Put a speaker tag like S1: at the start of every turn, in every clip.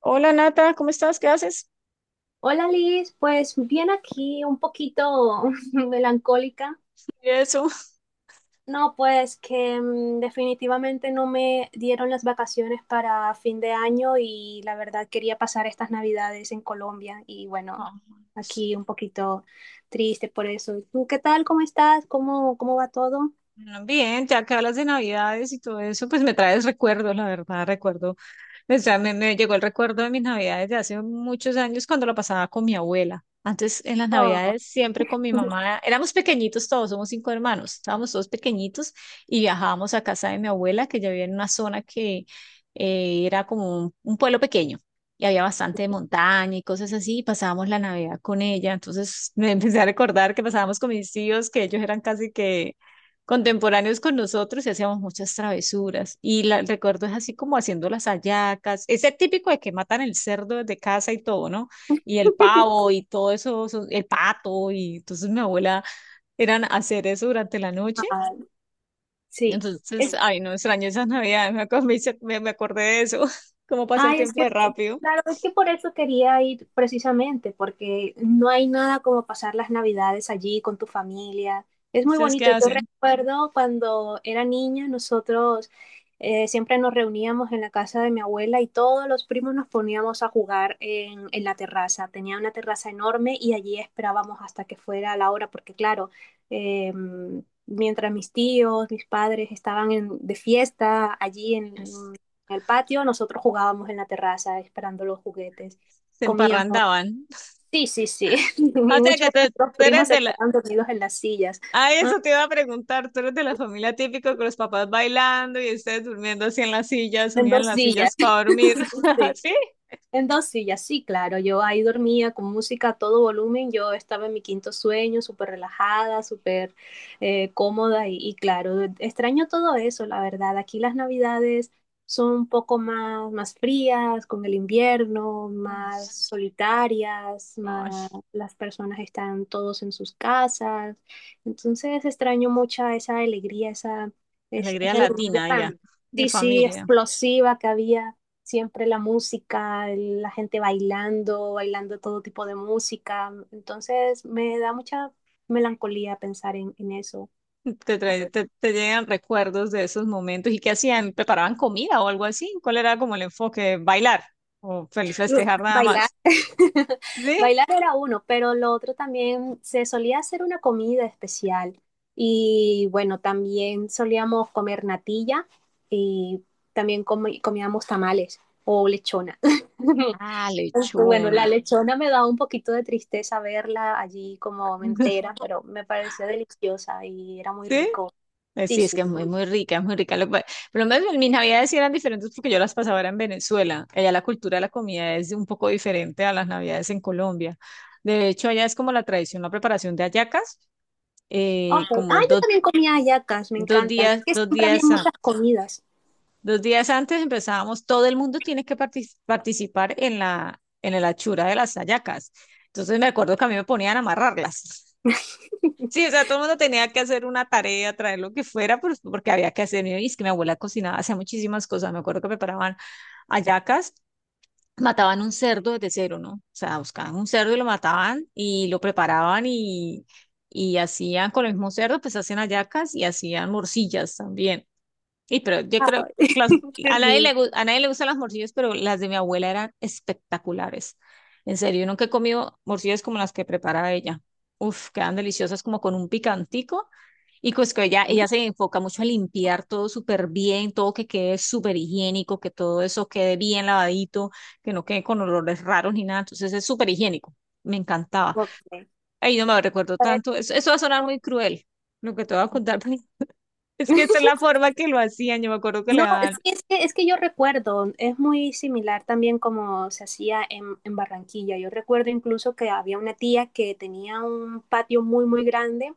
S1: Hola Nata, ¿cómo estás? ¿Qué haces?
S2: Hola Liz, pues bien aquí un poquito melancólica.
S1: Y eso.
S2: No, pues que definitivamente no me dieron las vacaciones para fin de año y la verdad quería pasar estas navidades en Colombia y bueno,
S1: Ah,
S2: aquí un poquito triste por eso. ¿Tú qué tal? ¿Cómo estás? ¿Cómo va todo?
S1: bueno, bien, ya que hablas de Navidades y todo eso, pues me traes recuerdos, la verdad, recuerdo. O sea, me llegó el recuerdo de mis navidades de hace muchos años cuando lo pasaba con mi abuela. Antes, en las
S2: Oh,
S1: navidades, siempre con mi mamá. Éramos pequeñitos todos, somos cinco hermanos. Estábamos todos pequeñitos y viajábamos a casa de mi abuela, que ya vivía en una zona que era como un pueblo pequeño. Y había bastante montaña y cosas así, y pasábamos la Navidad con ella. Entonces me empecé a recordar que pasábamos con mis tíos, que ellos eran casi que contemporáneos con nosotros y hacíamos muchas travesuras. Y recuerdo es así como haciendo las hallacas, ese típico de que matan el cerdo desde casa y todo, ¿no? Y el pavo y todo eso, el pato. Y entonces mi abuela eran hacer eso durante la noche.
S2: ah, sí.
S1: Entonces, ay, no extraño esas navidades. me, acu- me, hice- me- me acordé de eso. Cómo pasa el
S2: Ay, es
S1: tiempo
S2: que,
S1: de rápido.
S2: claro, es que por eso quería ir precisamente, porque no hay nada como pasar las Navidades allí con tu familia. Es muy
S1: ¿Ustedes qué
S2: bonito. Yo
S1: hacen?
S2: recuerdo cuando era niña, nosotros siempre nos reuníamos en la casa de mi abuela y todos los primos nos poníamos a jugar en la terraza. Tenía una terraza enorme y allí esperábamos hasta que fuera la hora, porque claro, mientras mis tíos, mis padres de fiesta allí en el patio, nosotros jugábamos en la terraza esperando los juguetes,
S1: Se
S2: comíamos.
S1: emparrandaban.
S2: Sí, sí, sí.
S1: O
S2: Y
S1: sea que
S2: muchos de
S1: tú
S2: nuestros
S1: tú
S2: primos
S1: eres
S2: se
S1: de
S2: quedaban dormidos en las sillas.
S1: ah,
S2: ¿Ah?
S1: eso te iba a preguntar. Tú eres de la familia típico con los papás bailando y ustedes durmiendo así en las sillas,
S2: En
S1: unían
S2: dos
S1: las
S2: sillas.
S1: sillas para dormir.
S2: Sí.
S1: ¿Sí?
S2: En dos sillas, sí, claro. Yo ahí dormía con música a todo volumen. Yo estaba en mi quinto sueño, súper relajada, súper cómoda y claro, extraño todo eso, la verdad. Aquí las navidades son un poco más, más frías, con el invierno,
S1: Ay,
S2: más solitarias,
S1: ay,
S2: más las personas están todos en sus casas. Entonces extraño mucha esa alegría, esa,
S1: alegría
S2: esa alegría
S1: latina, diga,
S2: tan,
S1: de
S2: sí, sí,
S1: familia.
S2: explosiva que había siempre la música, la gente bailando, bailando todo tipo de música. Entonces me da mucha melancolía pensar en eso.
S1: Te llegan recuerdos de esos momentos. ¿Y qué hacían? ¿Preparaban comida o algo así? ¿Cuál era como el enfoque? ¿Bailar? ¿O feliz festejar nada
S2: Bailar.
S1: más? ¿Sí?
S2: Bailar era uno, pero lo otro también se solía hacer una comida especial. Y bueno, también solíamos comer natilla y también comíamos tamales o lechona.
S1: Ah,
S2: Aunque, bueno, la
S1: lechona.
S2: lechona me da un poquito de tristeza verla allí como entera, pero me parecía deliciosa y era muy
S1: ¿Sí?
S2: rico. Sí,
S1: Sí, es
S2: sí.
S1: que es muy,
S2: Ok.
S1: muy rica, es muy rica. Pero más bien, mis navidades sí eran diferentes porque yo las pasaba era en Venezuela. Allá la cultura de la comida es un poco diferente a las navidades en Colombia. De hecho, allá es como la tradición, la preparación de hallacas.
S2: Ah,
S1: Eh, como
S2: yo
S1: do-
S2: también comía hallacas, me encantan. Es que
S1: dos
S2: siempre había
S1: días, an-
S2: muchas comidas.
S1: dos días antes empezábamos, todo el mundo tiene que participar en la hechura de las hallacas. Entonces me acuerdo que a mí me ponían a amarrarlas. Sí, o sea, todo el mundo tenía que hacer una tarea, traer lo que fuera, pues, porque había que hacer. Y es que mi abuela cocinaba, hacía muchísimas cosas. Me acuerdo que preparaban hallacas, mataban un cerdo desde cero, ¿no? O sea, buscaban un cerdo y lo mataban y lo preparaban y hacían con el mismo cerdo, pues hacían hallacas y hacían morcillas también. Y pero yo creo
S2: Ay,
S1: que
S2: qué
S1: a nadie le,
S2: rico.
S1: gu- a nadie le gustan las morcillas, pero las de mi abuela eran espectaculares. En serio, yo nunca he comido morcillas como las que preparaba ella. Uf, quedan deliciosas como con un picantico. Y pues que ella se enfoca mucho a limpiar todo súper bien, todo que quede súper higiénico, que todo eso quede bien lavadito, que no quede con olores raros ni nada. Entonces es súper higiénico. Me encantaba.
S2: Ok.
S1: Ay, no me recuerdo
S2: Para
S1: tanto.
S2: que
S1: Eso va a sonar
S2: no-
S1: muy cruel, lo que te voy a contar. Es que esa es la forma que lo hacían, yo me acuerdo que le
S2: No, sí,
S1: daban,
S2: es que yo recuerdo, es muy similar también como se hacía en Barranquilla. Yo recuerdo incluso que había una tía que tenía un patio muy, muy grande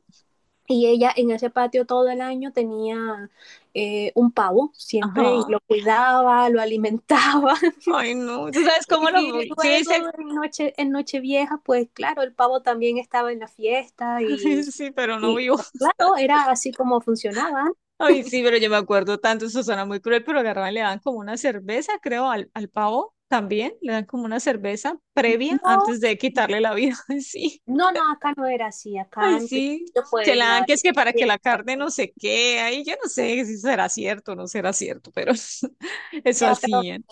S2: y ella en ese patio todo el año tenía un pavo siempre y
S1: ajá,
S2: lo cuidaba, lo alimentaba.
S1: ay no, tú sabes cómo lo,
S2: Y
S1: sí, sí.
S2: luego en noche, en Nochevieja, pues claro, el pavo también estaba en la fiesta
S1: Sí, sí, pero no
S2: y,
S1: vivo,
S2: pues, claro, era así como funcionaba.
S1: ay sí, pero yo me acuerdo tanto, eso suena muy cruel, pero agarraban, le dan como una cerveza, creo, al, al pavo también, le dan como una cerveza previa
S2: No,
S1: antes de quitarle la vida. Ay sí,
S2: no, no, acá no era así, acá
S1: ay
S2: en
S1: sí,
S2: principio
S1: se
S2: pues
S1: la dan
S2: nada.
S1: que es que para que la carne no se quede, ay yo no sé si será cierto o no será cierto, pero eso
S2: Ya, pero
S1: hacían.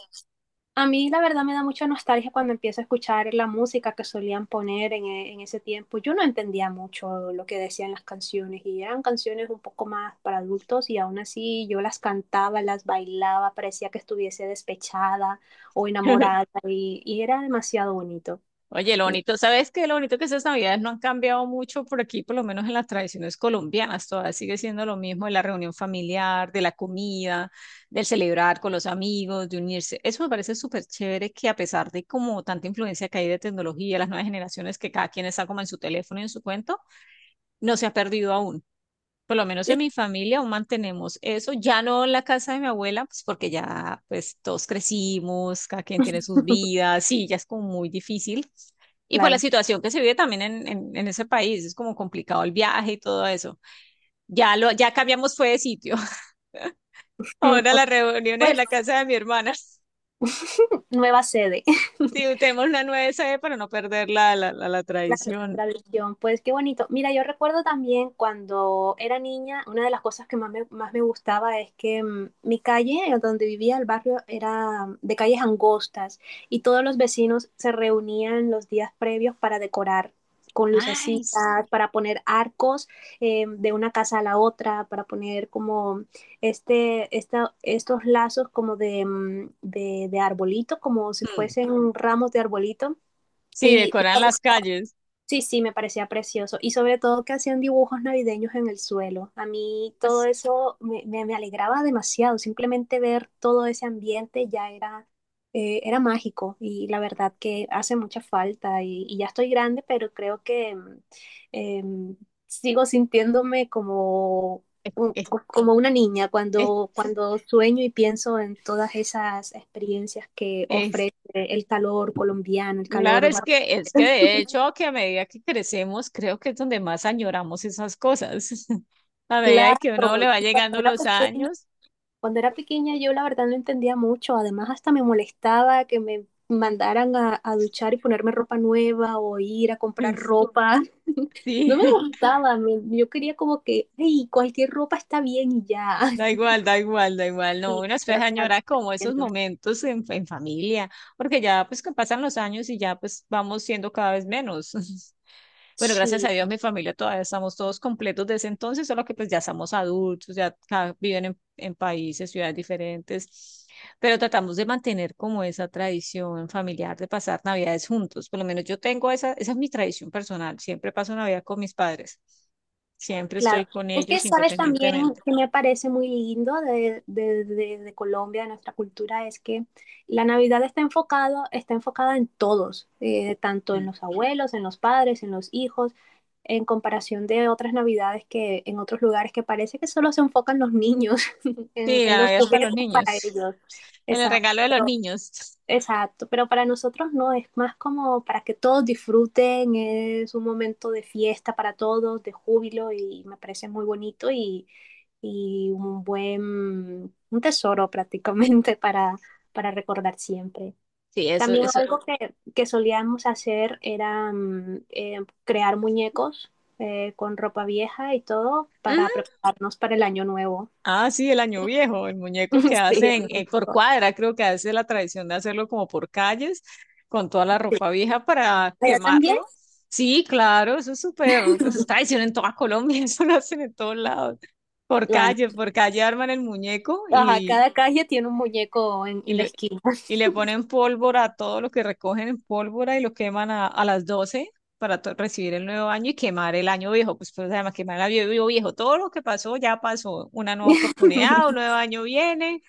S2: a mí la verdad me da mucha nostalgia cuando empiezo a escuchar la música que solían poner en, en ese tiempo. Yo no entendía mucho lo que decían las canciones y eran canciones un poco más para adultos y aún así yo las cantaba, las bailaba, parecía que estuviese despechada o enamorada y era demasiado bonito.
S1: Oye, lo bonito, ¿sabes qué? Lo bonito que estas navidades no han cambiado mucho por aquí, por lo menos en las tradiciones colombianas, todavía sigue siendo lo mismo de la reunión familiar, de la comida, del celebrar con los amigos, de unirse. Eso me parece súper chévere que a pesar de como tanta influencia que hay de tecnología, las nuevas generaciones que cada quien está como en su teléfono y en su cuento, no se ha perdido aún. Por lo menos en mi familia aún mantenemos eso, ya no en la casa de mi abuela, pues porque ya pues todos crecimos, cada quien tiene sus vidas, sí, ya es como muy difícil. Y por la
S2: Claro.
S1: situación que se vive también en ese país, es como complicado el viaje y todo eso. Ya cambiamos fue de sitio. Ahora las reuniones en
S2: Pues
S1: la casa de mi hermana.
S2: nueva sede.
S1: Sí, tenemos una nueva sede para no perder la
S2: La
S1: tradición.
S2: tradición, pues qué bonito. Mira, yo recuerdo también cuando era niña, una de las cosas que más me gustaba es que mi calle, donde vivía el barrio, era de calles angostas y todos los vecinos se reunían los días previos para decorar con
S1: Ay.
S2: lucecitas, para poner arcos de una casa a la otra, para poner como estos lazos como de, de arbolito, como si
S1: Mm.
S2: fuesen ramos de arbolito.
S1: Sí,
S2: Y
S1: decoran las calles.
S2: sí, sí, me parecía precioso. Y sobre todo que hacían dibujos navideños en el suelo. A mí todo
S1: As-
S2: eso me, me alegraba demasiado. Simplemente ver todo ese ambiente ya era, era mágico. Y la verdad que hace mucha falta. Y ya estoy grande, pero creo que em, sigo sintiéndome como,
S1: eh,
S2: un-
S1: eh,
S2: como una niña
S1: eh,
S2: cuando, cuando sueño y pienso en todas esas experiencias que
S1: eh.
S2: ofrece el calor colombiano, el
S1: Claro,
S2: calor
S1: es que de hecho que a medida que crecemos, creo que es donde más añoramos esas cosas. A medida de
S2: claro,
S1: que uno le va
S2: y
S1: llegando los años.
S2: cuando era pequeña yo la verdad no entendía mucho, además hasta me molestaba que me mandaran a duchar y ponerme ropa nueva o ir a comprar ropa. No me
S1: Sí,
S2: gustaba, me- yo quería como que, ay, cualquier ropa está bien y ya.
S1: da igual, da igual, da igual. No,
S2: Sí,
S1: uno después
S2: pero claro,
S1: añora como esos
S2: entiendo.
S1: momentos en familia, porque ya pues que pasan los años y ya pues vamos siendo cada vez menos. Bueno, gracias
S2: Sí,
S1: a Dios, mi familia todavía estamos todos completos desde entonces, solo que pues ya somos adultos, viven en países, ciudades diferentes, pero tratamos de mantener como esa tradición familiar de pasar Navidades juntos. Por lo menos yo tengo esa es mi tradición personal. Siempre paso Navidad con mis padres. Siempre
S2: claro.
S1: estoy con
S2: Es que,
S1: ellos
S2: ¿sabes?
S1: independientemente.
S2: Que me parece muy lindo de, de Colombia, de nuestra cultura, es que la Navidad está enfocado, está enfocada en todos, tanto en
S1: Mm.
S2: los abuelos, en los padres, en los hijos, en comparación de otras Navidades que en otros lugares que parece que solo se enfocan los niños,
S1: Sí,
S2: en
S1: la
S2: los
S1: Navidad es para
S2: juguetes
S1: los niños.
S2: para ellos.
S1: En el
S2: Exacto,
S1: regalo de los niños.
S2: exacto. Pero para nosotros no, es más como para que todos disfruten, es un momento de fiesta para todos, de júbilo, y me parece muy bonito y un buen, un tesoro prácticamente para recordar siempre.
S1: Sí, eso,
S2: También
S1: eso.
S2: algo que solíamos hacer era crear muñecos con ropa vieja y todo para prepararnos para el año nuevo.
S1: Ah, sí, el año viejo, el muñeco que
S2: Sí, el
S1: hacen por
S2: muñeco.
S1: cuadra, creo que hace la tradición de hacerlo como por calles, con toda la ropa vieja para
S2: ¿Allá también?
S1: quemarlo. Sí, claro, eso es súper, eso es tradición en toda Colombia. Eso lo hacen en todos lados.
S2: Bueno,
S1: Por calle arman el muñeco
S2: ajá,
S1: y
S2: cada calle tiene un muñeco
S1: y,
S2: en la
S1: le-
S2: esquina.
S1: y le ponen pólvora a todo lo que recogen en pólvora y lo queman a las 12 para recibir el nuevo año y quemar el año viejo. Pues, pues además, quemar el año viejo, viejo. Todo lo que pasó ya pasó. Una nueva oportunidad, un nuevo año viene.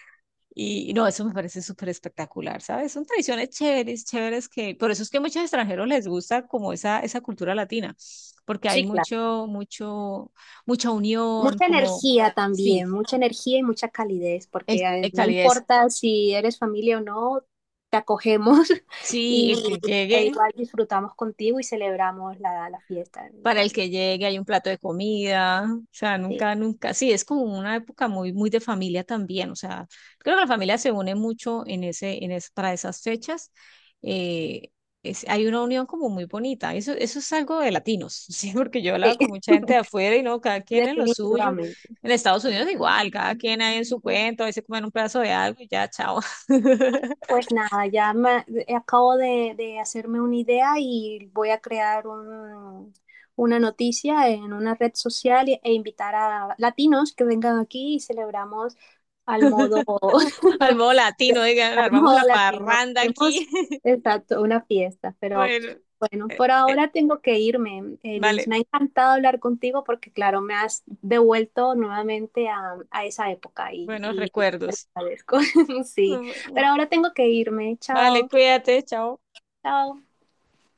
S1: Y no, eso me parece súper espectacular, ¿sabes? Son tradiciones chéveres, chéveres que, por eso es que a muchos extranjeros les gusta como esa cultura latina, porque hay
S2: Sí, claro.
S1: mucho, mucho, mucha unión,
S2: Mucha
S1: como,
S2: energía
S1: sí,
S2: también, mucha energía y mucha calidez,
S1: el,
S2: porque
S1: el
S2: no
S1: calidez.
S2: importa si eres familia o no, te acogemos
S1: Sí, el
S2: y
S1: que
S2: e
S1: llegue,
S2: igual disfrutamos contigo y celebramos la, la fiesta. Y
S1: para el
S2: bueno,
S1: que llegue hay un plato de comida, o sea,
S2: sí,
S1: nunca, nunca, sí, es como una época muy, muy de familia también, o sea, creo que la familia se une mucho en para esas fechas, eh, hay una unión como muy bonita, eso es algo de latinos. Sí, porque yo he
S2: sí,
S1: hablado con mucha gente de afuera y no, cada quien en lo suyo,
S2: definitivamente.
S1: en Estados Unidos igual, cada quien ahí en su cuento, a veces comen un pedazo de algo y ya, chao.
S2: Pues nada, ya me, acabo de hacerme una idea y voy a crear un, una noticia en una red social e, e invitar a latinos que vengan aquí y celebramos al modo
S1: Al modo latino, digan, armamos
S2: modo
S1: la
S2: latino.
S1: parranda aquí.
S2: Tenemos, exacto, una fiesta, pero
S1: Bueno,
S2: bueno,
S1: eh,
S2: por
S1: eh,
S2: ahora tengo que irme. Liz,
S1: vale.
S2: me ha encantado hablar contigo porque, claro, me has devuelto nuevamente a esa época
S1: Buenos
S2: y te lo
S1: recuerdos.
S2: agradezco. Sí, pero ahora tengo que irme.
S1: Vale,
S2: Chao,
S1: cuídate, chao.
S2: chao.